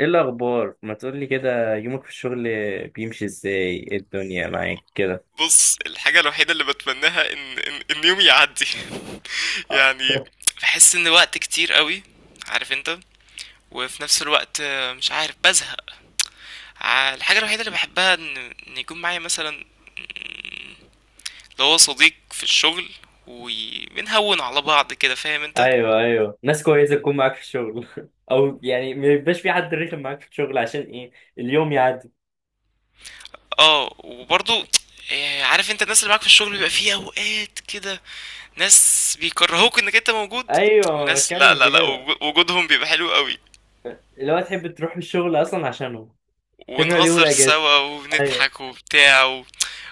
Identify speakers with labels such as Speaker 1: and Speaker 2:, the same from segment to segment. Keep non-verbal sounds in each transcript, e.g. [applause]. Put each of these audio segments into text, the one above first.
Speaker 1: ايه الاخبار؟ ما تقولي كده، يومك في الشغل بيمشي ازاي؟ إيه الدنيا معاك كده؟
Speaker 2: بُص، الحاجة الوحيدة اللي باتمناها إن يومي يعدّي [laughs]
Speaker 1: آه.
Speaker 2: يعني
Speaker 1: [laughs]
Speaker 2: باحس إن وقت كتير أوي، عارف أنت، وفي نفس الوقت مش عارف بازهق، ع الحاجة الوحيدة اللي باحبها إن يكون معايا مثلًا اللي هو صديق في الشغل وي بنهوّن على بعض كده، فاهم أنت؟
Speaker 1: ايوه، ايوه، ناس كويسه تكون معاك في الشغل [laughs] او يعني ما يبقاش في حد رخم معاك في الشغل عشان ايه اليوم يعدي.
Speaker 2: آه، وبرضه عارف أنت الناس اللي معاك في الشغل بيبقى في أوقات كده ناس بيكرهوك إنك أنت موجود،
Speaker 1: ايوه، ما
Speaker 2: وناس لأ،
Speaker 1: بتكلم
Speaker 2: لأ، لأ،
Speaker 1: بكده.
Speaker 2: وجودهم بيبقى حلو أوي.
Speaker 1: اللي هو تحب تروح الشغل اصلا عشانه، تكره اليوم
Speaker 2: ونهزر
Speaker 1: الاجازه.
Speaker 2: سوا
Speaker 1: ايوه،
Speaker 2: وبنضحك وبتاع و...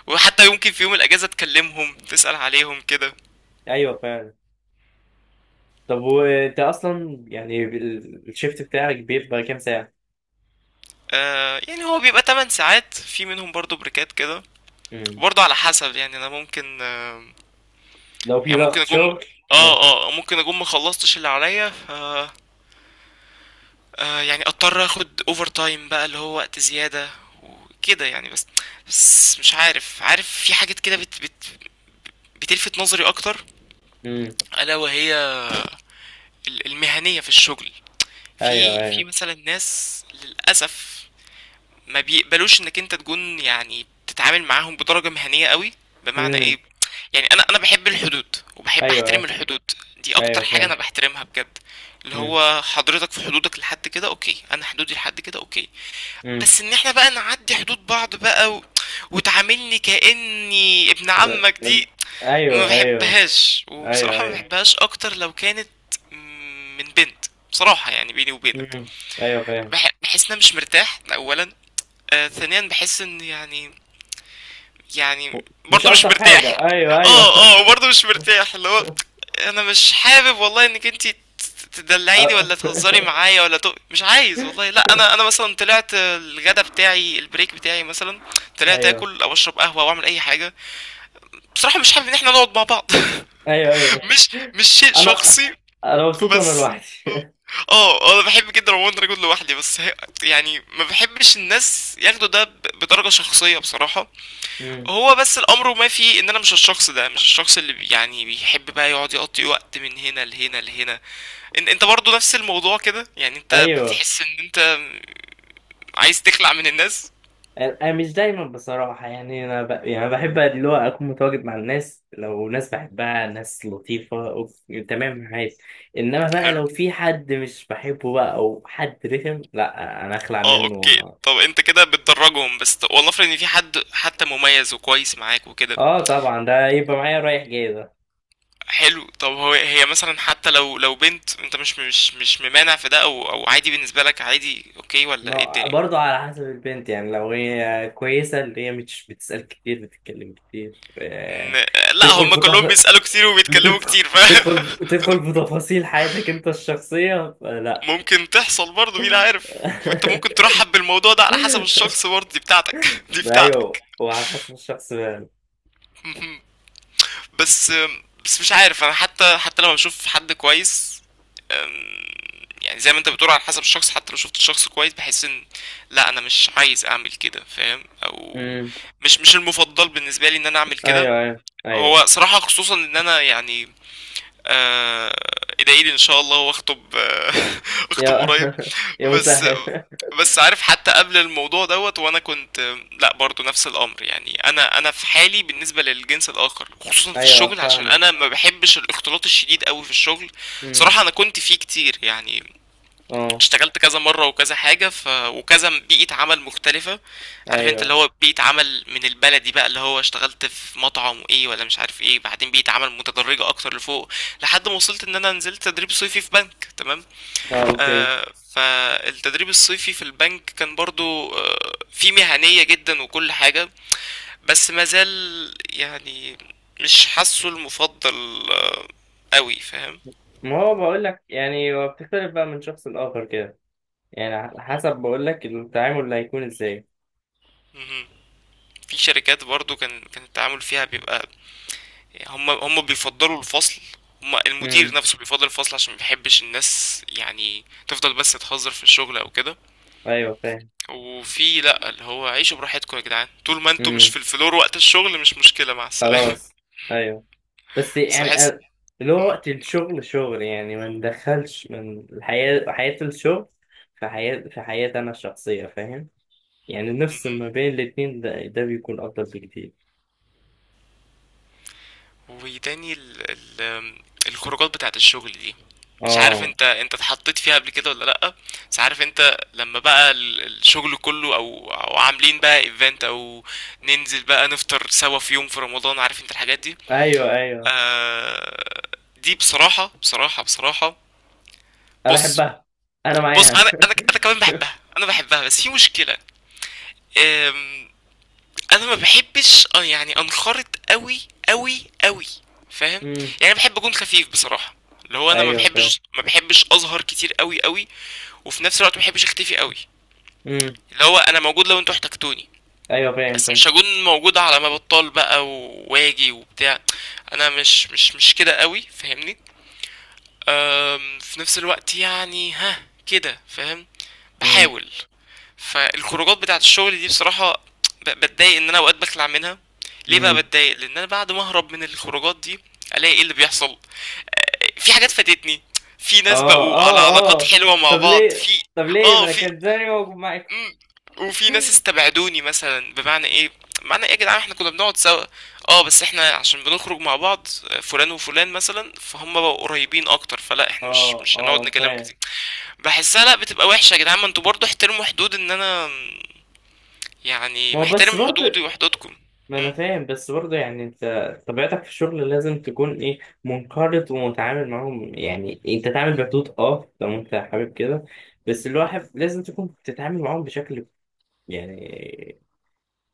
Speaker 2: وحتى يمكن في يوم الأجازة تكلمهم تسأل عليهم كده.
Speaker 1: ايوه فعلا. طب وانت اصلا يعني الشيفت بتاعك بيبقى كام ساعه؟
Speaker 2: آه يعني هو بيبقى 8 ساعات في منهم برضو بريكات كده.
Speaker 1: امم.
Speaker 2: وبرضو على حسب يعني أنا ممكن
Speaker 1: لو في
Speaker 2: يعني ممكن
Speaker 1: ضغط
Speaker 2: أكون،
Speaker 1: شغل. اه.
Speaker 2: اه ممكن أكون مخلصتش اللي عليا ف يعني أضطر أخد أوفر تايم بقى اللي هو وقت زيادة وكده يعني. بس بس مش عارف، عارف في حاجات كده بتلفت نظري أكتر.
Speaker 1: امم.
Speaker 2: ألا وهي المهنية في الشغل.
Speaker 1: ايوه،
Speaker 2: في
Speaker 1: ايوه.
Speaker 2: مثلا ناس للأسف ما بيقبلوش انك انت تكون يعني تتعامل معاهم بدرجة مهنية قوي. بمعنى
Speaker 1: امم.
Speaker 2: ايه؟ يعني انا بحب الحدود وبحب
Speaker 1: ايوه،
Speaker 2: احترم
Speaker 1: أيوه.
Speaker 2: الحدود. دي اكتر
Speaker 1: ايوه
Speaker 2: حاجة انا
Speaker 1: فاهم.
Speaker 2: بحترمها بجد. اللي
Speaker 1: امم،
Speaker 2: هو حضرتك في حدودك لحد كده اوكي، انا حدودي لحد كده اوكي.
Speaker 1: امم.
Speaker 2: بس ان احنا بقى نعدي حدود بعض بقى و... وتعاملني كأني ابن عمك، دي ما
Speaker 1: ايوه، ايوه،
Speaker 2: بحبهاش،
Speaker 1: ايوه.
Speaker 2: وبصراحة ما
Speaker 1: ايوه.
Speaker 2: بحبهاش اكتر لو كانت من بنت. بصراحة يعني بيني وبينك،
Speaker 1: امم. ايوه فاهم.
Speaker 2: بحس ان انا مش مرتاح ده اولا. آه ثانيا بحس ان يعني، يعني
Speaker 1: مش
Speaker 2: برضه مش
Speaker 1: الطف
Speaker 2: مرتاح.
Speaker 1: حاجه، ايوه، ايوه.
Speaker 2: اه اه برضه مش مرتاح. اللي هو انا مش حابب والله انك انت تدلعيني
Speaker 1: أ-
Speaker 2: ولا تهزري
Speaker 1: [laughs]
Speaker 2: معايا ولا مش عايز والله. لا انا مثلا طلعت الغدا بتاعي، البريك بتاعي مثلا، طلعت
Speaker 1: ايوه،
Speaker 2: اكل او اشرب قهوه او اعمل اي حاجه، بصراحه مش حابب ان احنا نقعد مع بعض.
Speaker 1: ايوه،
Speaker 2: [laughs]
Speaker 1: ايوه.
Speaker 2: مش مش شيء
Speaker 1: انا
Speaker 2: شخصي.
Speaker 1: انا مبسوط وانا
Speaker 2: بس
Speaker 1: لوحدي. [laughs]
Speaker 2: اه انا بحب جدا عموما ان انا اكون لوحدي، بس هي يعني ما بحبش الناس ياخدوا ده بدرجة شخصية بصراحة.
Speaker 1: امم.
Speaker 2: هو بس الامر ما فيه ان انا مش الشخص ده، مش الشخص اللي يعني بيحب بقى يقعد يقضي وقت من هنا لهنا لهنا. ان انت برضو نفس الموضوع كده، يعني انت
Speaker 1: ايوه.
Speaker 2: بتحس ان انت عايز تخلع من الناس.
Speaker 1: انا مش دايما بصراحه، يعني يعني بحب اللي هو اكون متواجد مع الناس، لو ناس بحبها، ناس لطيفه تمام معايا. انما بقى
Speaker 2: حلو.
Speaker 1: لو في حد مش بحبه بقى او حد رخم، لا انا اخلع
Speaker 2: اه
Speaker 1: منه.
Speaker 2: اوكي، طب انت كده بتدرجهم بس، والله افرض ان في حد حتى مميز وكويس معاك وكده.
Speaker 1: اه طبعا، ده يبقى معايا رايح جاي ده.
Speaker 2: حلو. طب هو هي مثلا حتى لو لو بنت، انت مش ممانع في ده او او عادي بالنسبه لك؟ عادي اوكي ولا ايه الدنيا؟
Speaker 1: برضه على حسب البنت، يعني لو هي كويسه اللي هي مش بتسال كتير بتتكلم كتير
Speaker 2: م... لا
Speaker 1: تدخل
Speaker 2: هم
Speaker 1: في
Speaker 2: كلهم
Speaker 1: تف...
Speaker 2: بيسالوا كتير وبيتكلموا
Speaker 1: بتدخل
Speaker 2: كتير ف
Speaker 1: تدخل تدخل في تفاصيل حياتك انت الشخصيه
Speaker 2: [laughs]
Speaker 1: فلا.
Speaker 2: ممكن تحصل برضه، مين عارف، وانت ممكن ترحب بالموضوع ده على حسب
Speaker 1: [laughs]
Speaker 2: الشخص
Speaker 1: [laughs]
Speaker 2: برضه دي بتاعتك [laughs] دي
Speaker 1: ما ايوه،
Speaker 2: بتاعتك.
Speaker 1: وعلى حسب الشخص بقى.
Speaker 2: بس، بس مش عارف انا، حتى حتى لما بشوف حد كويس أم، يعني زي ما انت بتقول على حسب الشخص، حتى لو شفت الشخص كويس بحس ان لا، انا مش عايز اعمل كده فاهم. او
Speaker 1: امم.
Speaker 2: مش، مش المفضل بالنسبه لي ان انا اعمل كده.
Speaker 1: ايوه، ايوه، ايوه.
Speaker 2: هو صراحه خصوصا ان انا يعني آه، ادعي لي ان شاء الله واخطب [laughs] اخطب
Speaker 1: يا
Speaker 2: قريب.
Speaker 1: [laughs] يا
Speaker 2: بس
Speaker 1: مسهل.
Speaker 2: بس عارف حتى قبل الموضوع دوت وانا كنت لا برضو نفس الامر. يعني انا في حالي بالنسبه للجنس الاخر
Speaker 1: [laughs]
Speaker 2: خصوصا في
Speaker 1: ايوه
Speaker 2: الشغل، عشان
Speaker 1: فاهمه.
Speaker 2: انا ما بحبش الاختلاط الشديد قوي في الشغل.
Speaker 1: امم.
Speaker 2: صراحه انا كنت فيه كتير يعني،
Speaker 1: اه.
Speaker 2: اشتغلت كذا مرة وكذا حاجة وكذا بيئة عمل مختلفة. عارف انت اللي
Speaker 1: ايوه.
Speaker 2: هو بيئة عمل من البلدي بقى اللي هو اشتغلت في مطعم وايه ولا مش عارف ايه، بعدين بيئة عمل متدرجة اكتر لفوق، لحد ما وصلت ان انا نزلت تدريب صيفي في بنك، تمام.
Speaker 1: اه اوكي.
Speaker 2: آه فالتدريب الصيفي في البنك كان برضو فيه مهنية جدا وكل حاجة، بس مازال يعني مش حاسه المفضل قوي فاهم.
Speaker 1: ما هو بقول لك، يعني هو بتختلف بقى من شخص لاخر كده، يعني على حسب بقول لك التعامل اللي هيكون ازاي.
Speaker 2: مهم. في شركات برضو كان التعامل فيها بيبقى هم بيفضلوا الفصل، هم المدير
Speaker 1: امم.
Speaker 2: نفسه بيفضل الفصل عشان ما بيحبش الناس يعني تفضل بس تهزر في الشغل او كده.
Speaker 1: ايوه فاهم.
Speaker 2: وفي لا اللي هو عيشوا براحتكم يا جدعان طول ما انتوا مش
Speaker 1: امم.
Speaker 2: في الفلور، وقت الشغل مش مشكلة مع السلامة.
Speaker 1: خلاص. ايوه. بس
Speaker 2: [laughs] بس
Speaker 1: يعني
Speaker 2: بحس
Speaker 1: اللي هو
Speaker 2: مم،
Speaker 1: وقت الشغل شغل، يعني ما ندخلش من الحياه حياه الشغل في حياتي انا الشخصيه، فاهم؟ يعني نفس
Speaker 2: مم.
Speaker 1: ما بين الاتنين، ده بيكون أفضل بكتير.
Speaker 2: وتاني الخروجات بتاعت الشغل دي، مش عارف
Speaker 1: اه.
Speaker 2: انت، انت اتحطيت فيها قبل كده ولا لا، بس عارف انت لما بقى الشغل كله او او عاملين بقى ايفنت او ننزل بقى نفطر سوا في يوم في رمضان، عارف انت الحاجات دي.
Speaker 1: أيوه، أيوه.
Speaker 2: آه دي بصراحة بصراحة بصراحة،
Speaker 1: أنا
Speaker 2: بص
Speaker 1: بحبها. أنا
Speaker 2: بص انا
Speaker 1: معاها.
Speaker 2: انا
Speaker 1: [laughs]
Speaker 2: انا كمان بحبها، انا بحبها، بس في مشكلة. آم، انا ما بحبش يعني انخرط قوي قوي قوي فاهم.
Speaker 1: امم.
Speaker 2: يعني بحب اكون خفيف بصراحة، اللي هو انا ما
Speaker 1: أيوه فاهم.
Speaker 2: بحبش ما بحبش اظهر كتير قوي قوي، وفي نفس الوقت ما بحبش اختفي قوي.
Speaker 1: امم.
Speaker 2: اللي هو انا موجود لو انتوا احتجتوني،
Speaker 1: أيوه فاهم
Speaker 2: بس
Speaker 1: فاهم.
Speaker 2: مش هكون موجود على ما بطال بقى واجي وبتاع. انا مش كده قوي فاهمني. في نفس الوقت يعني ها كده فاهم،
Speaker 1: امم.
Speaker 2: بحاول. فالخروجات بتاعت الشغل دي بصراحة بتضايق ان انا اوقات بخلع منها. ليه بقى
Speaker 1: امم.
Speaker 2: بتضايق؟ لان انا بعد ما اهرب من الخروجات دي الاقي ايه اللي بيحصل، في حاجات فاتتني، في ناس
Speaker 1: اه،
Speaker 2: بقوا على
Speaker 1: اه،
Speaker 2: علاقات
Speaker 1: اه.
Speaker 2: حلوة مع
Speaker 1: طب
Speaker 2: بعض
Speaker 1: ليه
Speaker 2: في،
Speaker 1: طب ليه ما
Speaker 2: اه،
Speaker 1: أنا كانت زي ما معاكم.
Speaker 2: مم. وفي ناس
Speaker 1: [laughs]
Speaker 2: استبعدوني مثلا. بمعنى ايه؟ معنى ايه يا جدعان؟ احنا كنا بنقعد سوا. اه بس احنا عشان بنخرج مع بعض، فلان وفلان مثلا فهم بقوا قريبين اكتر، فلا
Speaker 1: اه،
Speaker 2: احنا مش مش هنقعد
Speaker 1: اه
Speaker 2: نكلم
Speaker 1: فاهم.
Speaker 2: كتير. بحسها لا بتبقى وحشة يا جدعان، ما انتوا برضه احترموا حدود ان انا يعني
Speaker 1: ما هو بس
Speaker 2: محترم حدودي
Speaker 1: برضه،
Speaker 2: وحدودكم.
Speaker 1: ما انا
Speaker 2: مم.
Speaker 1: فاهم بس برضه، يعني انت طبيعتك في الشغل لازم تكون ايه، منقرض ومتعامل معاهم، يعني انت تعمل بحدود اه لو انت حابب كده. بس الواحد لازم تكون بتتعامل معاهم بشكل، يعني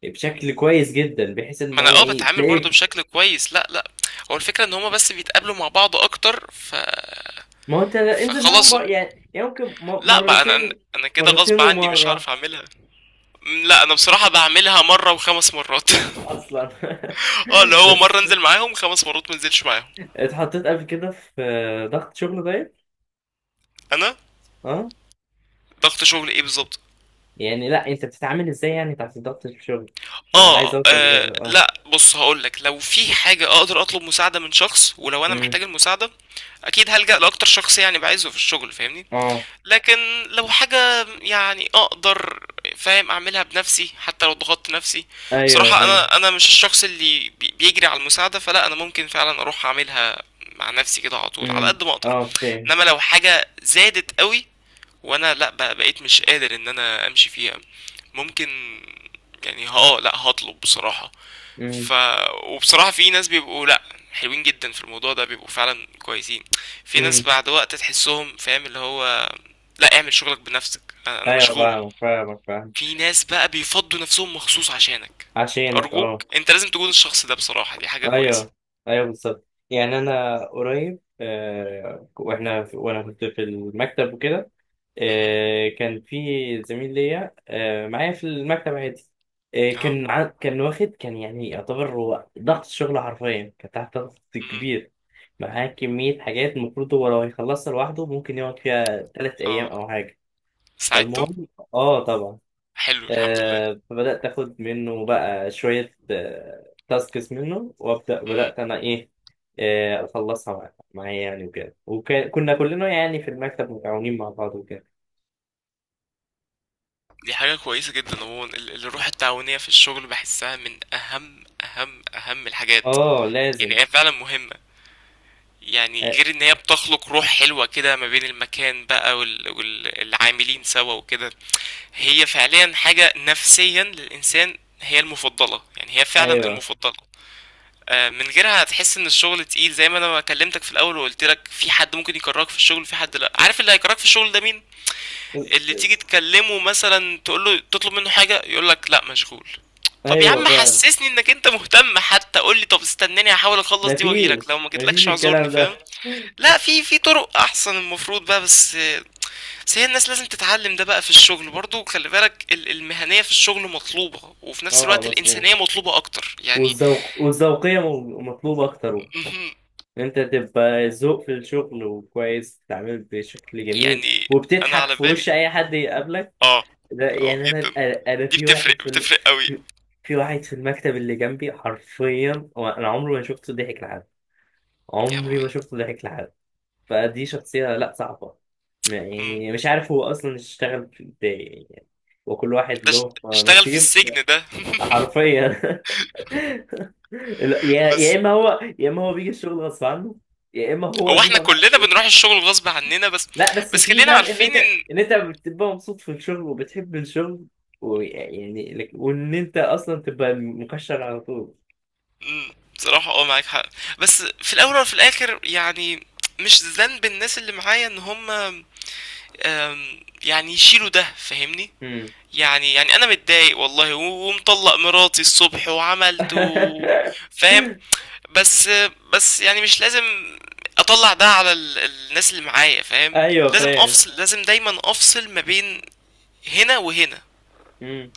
Speaker 1: بشكل كويس جدا، بحيث ان
Speaker 2: ما انا
Speaker 1: هو
Speaker 2: اه
Speaker 1: ايه
Speaker 2: بتعامل برضه
Speaker 1: تلاقيك.
Speaker 2: بشكل كويس، لا لا، هو الفكرة ان هما بس بيتقابلوا مع بعض اكتر ف
Speaker 1: ما هو انت انزل معاهم
Speaker 2: فخلاص.
Speaker 1: بقى، يعني ممكن
Speaker 2: لا بقى انا انا
Speaker 1: مرتين،
Speaker 2: أنا كده غصب
Speaker 1: مرتين
Speaker 2: عني مش هعرف
Speaker 1: ومرة
Speaker 2: اعملها. لا انا بصراحه بعملها مره وخمس مرات [laughs]
Speaker 1: اصلا. [laughs]
Speaker 2: [applause] اه اللي هو
Speaker 1: بس
Speaker 2: مره انزل معاهم خمس مرات ما انزلش معاهم.
Speaker 1: اتحطيت قبل كده في ضغط شغل طيب؟
Speaker 2: انا
Speaker 1: آه.
Speaker 2: ضغط شغل ايه بالظبط؟
Speaker 1: يعني لا، انت بتتعامل ازاي يعني تحت ضغط الشغل، انا عايز
Speaker 2: آه,
Speaker 1: اوصل لكده
Speaker 2: اه
Speaker 1: اه.
Speaker 2: لا بص هقولك. لو في حاجه اقدر اطلب مساعده من شخص ولو انا
Speaker 1: امم.
Speaker 2: محتاج المساعده اكيد هلجأ لاكتر شخص يعني بعايزه في الشغل فاهمني.
Speaker 1: اه،
Speaker 2: لكن لو حاجة يعني اقدر فاهم اعملها بنفسي حتى لو ضغطت نفسي.
Speaker 1: ايوه
Speaker 2: بصراحة
Speaker 1: فاهم.
Speaker 2: انا مش الشخص اللي بيجري على المساعدة، فلا انا ممكن فعلا اروح اعملها مع نفسي كده على طول على
Speaker 1: امم.
Speaker 2: قد ما اقدر.
Speaker 1: اه فاهم.
Speaker 2: انما لو حاجة زادت قوي وانا لا بقى بقيت مش قادر ان انا امشي فيها، ممكن يعني اه لا هطلب بصراحة.
Speaker 1: امم،
Speaker 2: ف وبصراحة في ناس بيبقوا لأ، حلوين جدا في الموضوع ده بيبقوا فعلا كويسين. في ناس
Speaker 1: امم.
Speaker 2: بعد وقت تحسهم فاهم، اللي هو لأ اعمل شغلك بنفسك، انا
Speaker 1: ايوه،
Speaker 2: مشغول.
Speaker 1: فاهمك فاهمك فاهم.
Speaker 2: في ناس بقى بيفضوا نفسهم مخصوص عشانك.
Speaker 1: عشانك
Speaker 2: أرجوك
Speaker 1: اه.
Speaker 2: أنت لازم تكون الشخص ده، بصراحة دي حاجة كويسة.
Speaker 1: ايوه، ايوه، بالظبط، يعني انا قريب وانا كنت في المكتب وكده.
Speaker 2: مهم.
Speaker 1: كان في زميل ليا معايا في المكتب عادي.
Speaker 2: اهو
Speaker 1: كان يعني يعتبر هو ضغط شغل، حرفيا كان تحت ضغط
Speaker 2: مهم.
Speaker 1: كبير، معاه كمية حاجات المفروض هو لو هيخلصها لوحده ممكن يقعد فيها 3 أيام
Speaker 2: اه
Speaker 1: أو حاجة.
Speaker 2: ساعدته.
Speaker 1: فالمهم، آه طبعا.
Speaker 2: حلو الحمد لله.
Speaker 1: فبدأت آخد منه بقى شوية تاسكس منه، وأبدأ
Speaker 2: مهم.
Speaker 1: بدأت أنا إيه أخلصها معايا يعني وكده، وكنا كلنا يعني في المكتب متعاونين مع بعض وكده.
Speaker 2: دي حاجة كويسة جدا عموما، الروح التعاونية في الشغل بحسها من أهم الحاجات.
Speaker 1: آه
Speaker 2: يعني
Speaker 1: لازم.
Speaker 2: هي فعلا مهمة، يعني
Speaker 1: آه،
Speaker 2: غير ان هي بتخلق روح حلوة كده ما بين المكان بقى والعاملين سوا وكده. هي فعليا حاجة نفسيا للإنسان هي المفضلة، يعني هي فعلا
Speaker 1: أيوه،
Speaker 2: المفضلة. آه، من غيرها هتحس ان الشغل تقيل، زي ما انا ما كلمتك في الاول وقلت لك في حد ممكن يكرهك في الشغل، في حد لا عارف، اللي هيكرهك في الشغل ده مين؟ اللي تيجي تكلمه مثلا تقول له تطلب منه حاجة يقول لك لا مشغول. طب يا
Speaker 1: أيوه
Speaker 2: عم
Speaker 1: فعلا.
Speaker 2: حسسني انك انت مهتم، حتى قول لي طب استناني هحاول اخلص دي واجيلك، لو
Speaker 1: مفيش
Speaker 2: ما
Speaker 1: مفيش
Speaker 2: جيتلكش اعذرني
Speaker 1: الكلام
Speaker 2: فاهم.
Speaker 1: ده.
Speaker 2: لا في في طرق احسن المفروض بقى، بس بس هي الناس لازم تتعلم ده بقى في الشغل برضو. خلي بالك المهنية في الشغل مطلوبة، وفي نفس
Speaker 1: آه
Speaker 2: الوقت
Speaker 1: مظبوط.
Speaker 2: الإنسانية مطلوبة اكتر يعني.
Speaker 1: والذوق والذوقية مطلوبة أكتر.
Speaker 2: مهم.
Speaker 1: إن انت تبقى ذوق في الشغل وكويس، بتتعامل بشكل جميل
Speaker 2: يعني انا
Speaker 1: وبتضحك
Speaker 2: على
Speaker 1: في وش
Speaker 2: بالي
Speaker 1: اي حد يقابلك.
Speaker 2: اه،
Speaker 1: ده
Speaker 2: اه
Speaker 1: يعني انا
Speaker 2: جدا،
Speaker 1: انا
Speaker 2: دي
Speaker 1: في واحد
Speaker 2: بتفرق
Speaker 1: في
Speaker 2: بتفرق قوي.
Speaker 1: في في واحد في المكتب اللي جنبي، حرفيا هو انا عمري ما شفته ضحك لحد.
Speaker 2: يا
Speaker 1: عمري ما
Speaker 2: ابوي.
Speaker 1: شفته ضحك لحد. فدي شخصية لا صعبة.
Speaker 2: مم.
Speaker 1: يعني مش عارف هو اصلا اشتغل في ازاي يعني. وكل واحد
Speaker 2: ده ش-
Speaker 1: له
Speaker 2: اشتغل في
Speaker 1: نصيب.
Speaker 2: السجن ده [laughs]
Speaker 1: حرفيا. [laughs] لا، يا
Speaker 2: بس
Speaker 1: اما هو، يا اما هو بيجي الشغل غصب عنه، يا اما هو
Speaker 2: هو
Speaker 1: دي.
Speaker 2: احنا كلنا بنروح الشغل غصب عننا، بس
Speaker 1: لا بس
Speaker 2: بس
Speaker 1: في
Speaker 2: خلينا
Speaker 1: فرق ان انت
Speaker 2: عارفين ان
Speaker 1: ان انت بتبقى مبسوط في الشغل وبتحب الشغل، ويعني وان انت اصلا تبقى مكشر على طول.
Speaker 2: بصراحة آه معاك حق، بس في الأول وفي الآخر يعني مش ذنب الناس اللي معايا إن هُم يعني يشيلوا ده فاهمني؟
Speaker 1: امم.
Speaker 2: يعني يعني أنا متضايق والله و ومطلّق مراتي الصبح وعملت و
Speaker 1: [laughs]
Speaker 2: فاهم؟ بس بس يعني مش لازم أطلّع ده على ال الناس اللي معايا فاهم؟
Speaker 1: ايوه
Speaker 2: لازم
Speaker 1: فاهم.
Speaker 2: أفصل، لازم دايمًا أفصل ما بين هنا وهنا.
Speaker 1: امم.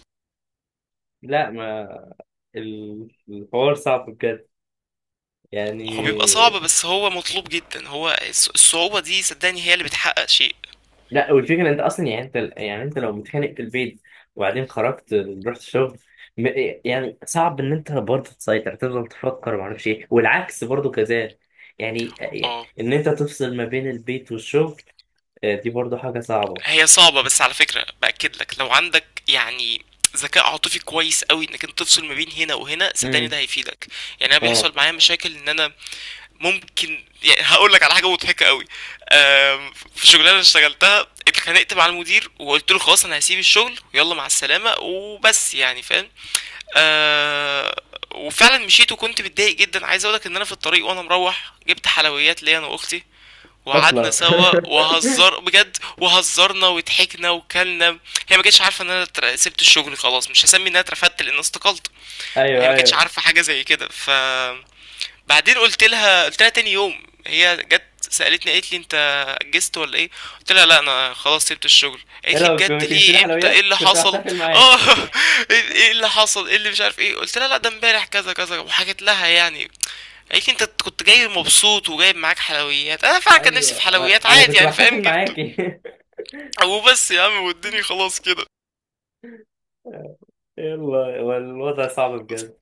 Speaker 1: لا ما، الحوار صعب بجد، يعني.
Speaker 2: هو بيبقى صعب بس هو مطلوب جدًا، هو الصعوبة دي صدّقني هي اللي بتحقق شيء.
Speaker 1: لا، والفكره انت اصلا، يعني انت يعني انت لو متخانق في البيت، وبعدين خرجت رحت الشغل، م- يعني صعب ان انت برضه تسيطر تفضل تفكر وما اعرفش ايه، والعكس برضه كذلك، يعني
Speaker 2: آه.
Speaker 1: ان انت تفصل ما بين البيت والشغل. آه، دي برضه حاجه صعبه.
Speaker 2: هي صعبة بس على فكرة بأكد لك لو عندك يعني ذكاء عاطفي كويس قوي انك انت تفصل ما بين هنا وهنا صدقني ده
Speaker 1: امم.
Speaker 2: هيفيدك. يعني انا
Speaker 1: اه
Speaker 2: بيحصل معايا مشاكل ان انا ممكن، يعني هقول لك على حاجه مضحكه قوي. في شغلانه اشتغلتها اتخانقت مع المدير وقلت له خلاص انا هسيب الشغل ويلا مع السلامه وبس يعني فاهم. آه، وفعلا مشيت وكنت متضايق جدا. عايز اقولك ان انا في الطريق وانا مروح جبت حلويات ليا انا واختي، وقعدنا
Speaker 1: اصلا. [laughs]
Speaker 2: سوا وهزر بجد وهزرنا وضحكنا وكلنا. هي ما كانتش عارفه ان انا سبت الشغل خلاص، مش هسمي ان انا اترفدت لان أنا استقلت. هي
Speaker 1: ايوه،
Speaker 2: ما كانتش
Speaker 1: ايوه.
Speaker 2: عارفه حاجه زي كده ف بعدين قلت لها تاني يوم، هي جت سالتني قالت لي انت اجزت ولا ايه؟ قلت لها لا انا خلاص سبت الشغل.
Speaker 1: ايه
Speaker 2: قالت لي
Speaker 1: لو
Speaker 2: بجد؟
Speaker 1: كنت جبت لي
Speaker 2: ليه؟ امتى؟ ايه
Speaker 1: حلويات
Speaker 2: اللي
Speaker 1: كنت
Speaker 2: حصل؟
Speaker 1: بحتفل
Speaker 2: [laughs] اه
Speaker 1: معاك. [laughs]
Speaker 2: ايه اللي حصل ايه اللي مش عارف ايه. قلت لها لا ده امبارح كذا كذا وحكيت لها يعني. قالت لي انت كنت جاي مبسوط وجايب معاك حلويات. انا فعلا كان نفسي في
Speaker 1: ايوه،
Speaker 2: حلويات
Speaker 1: انا
Speaker 2: عادي
Speaker 1: كنت
Speaker 2: يعني فاهم،
Speaker 1: بحتفل
Speaker 2: جبته.
Speaker 1: معاكي. [laughs]
Speaker 2: وبس يا عم واديني خلاص كده.
Speaker 1: يلا، والوضع صعب بجد.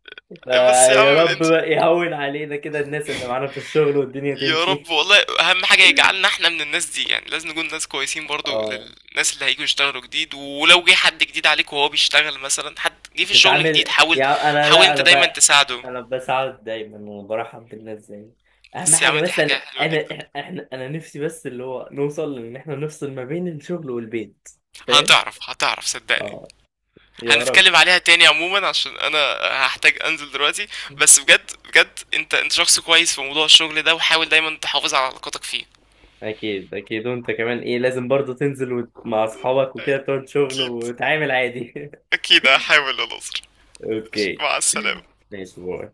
Speaker 2: بس يا
Speaker 1: فيا
Speaker 2: عم
Speaker 1: رب
Speaker 2: انت،
Speaker 1: بقى يهون علينا كده الناس اللي معانا في الشغل، والدنيا
Speaker 2: يا رب
Speaker 1: تمشي.
Speaker 2: والله، اهم حاجه يجعلنا احنا من الناس دي. يعني لازم نكون ناس كويسين برضو
Speaker 1: اه.
Speaker 2: للناس اللي هيجوا يشتغلوا جديد، ولو جه حد جديد عليك وهو بيشتغل مثلا حد جه في الشغل جديد
Speaker 1: بتتعامل،
Speaker 2: حاول،
Speaker 1: يا انا
Speaker 2: حاول
Speaker 1: لا،
Speaker 2: انت
Speaker 1: انا
Speaker 2: دايما
Speaker 1: بقى
Speaker 2: تساعده.
Speaker 1: انا بساعد دايما وبرحب بالناس زي. اهم
Speaker 2: بس يا
Speaker 1: حاجه،
Speaker 2: عم دي
Speaker 1: بس
Speaker 2: حاجه
Speaker 1: انا
Speaker 2: حلوه
Speaker 1: انا
Speaker 2: جدا.
Speaker 1: انا نفسي بس اللي هو نوصل ان احنا نفصل ما بين الشغل والبيت، فاهم؟
Speaker 2: هتعرف هتعرف صدقني.
Speaker 1: اه. يا رب.
Speaker 2: هنتكلم عليها تاني عموما عشان انا هحتاج انزل دلوقتي. بس بجد بجد انت انت شخص كويس في موضوع الشغل ده، وحاول دايما تحافظ على علاقاتك فيه.
Speaker 1: اكيد، اكيد، وانت كمان ايه لازم برضه تنزل مع اصحابك وكده، تقعد شغل
Speaker 2: اكيد
Speaker 1: وتعامل عادي.
Speaker 2: اكيد هحاول يا ناصر.
Speaker 1: [laughs] اوكي.
Speaker 2: مع السلامة.
Speaker 1: ماشي، باي.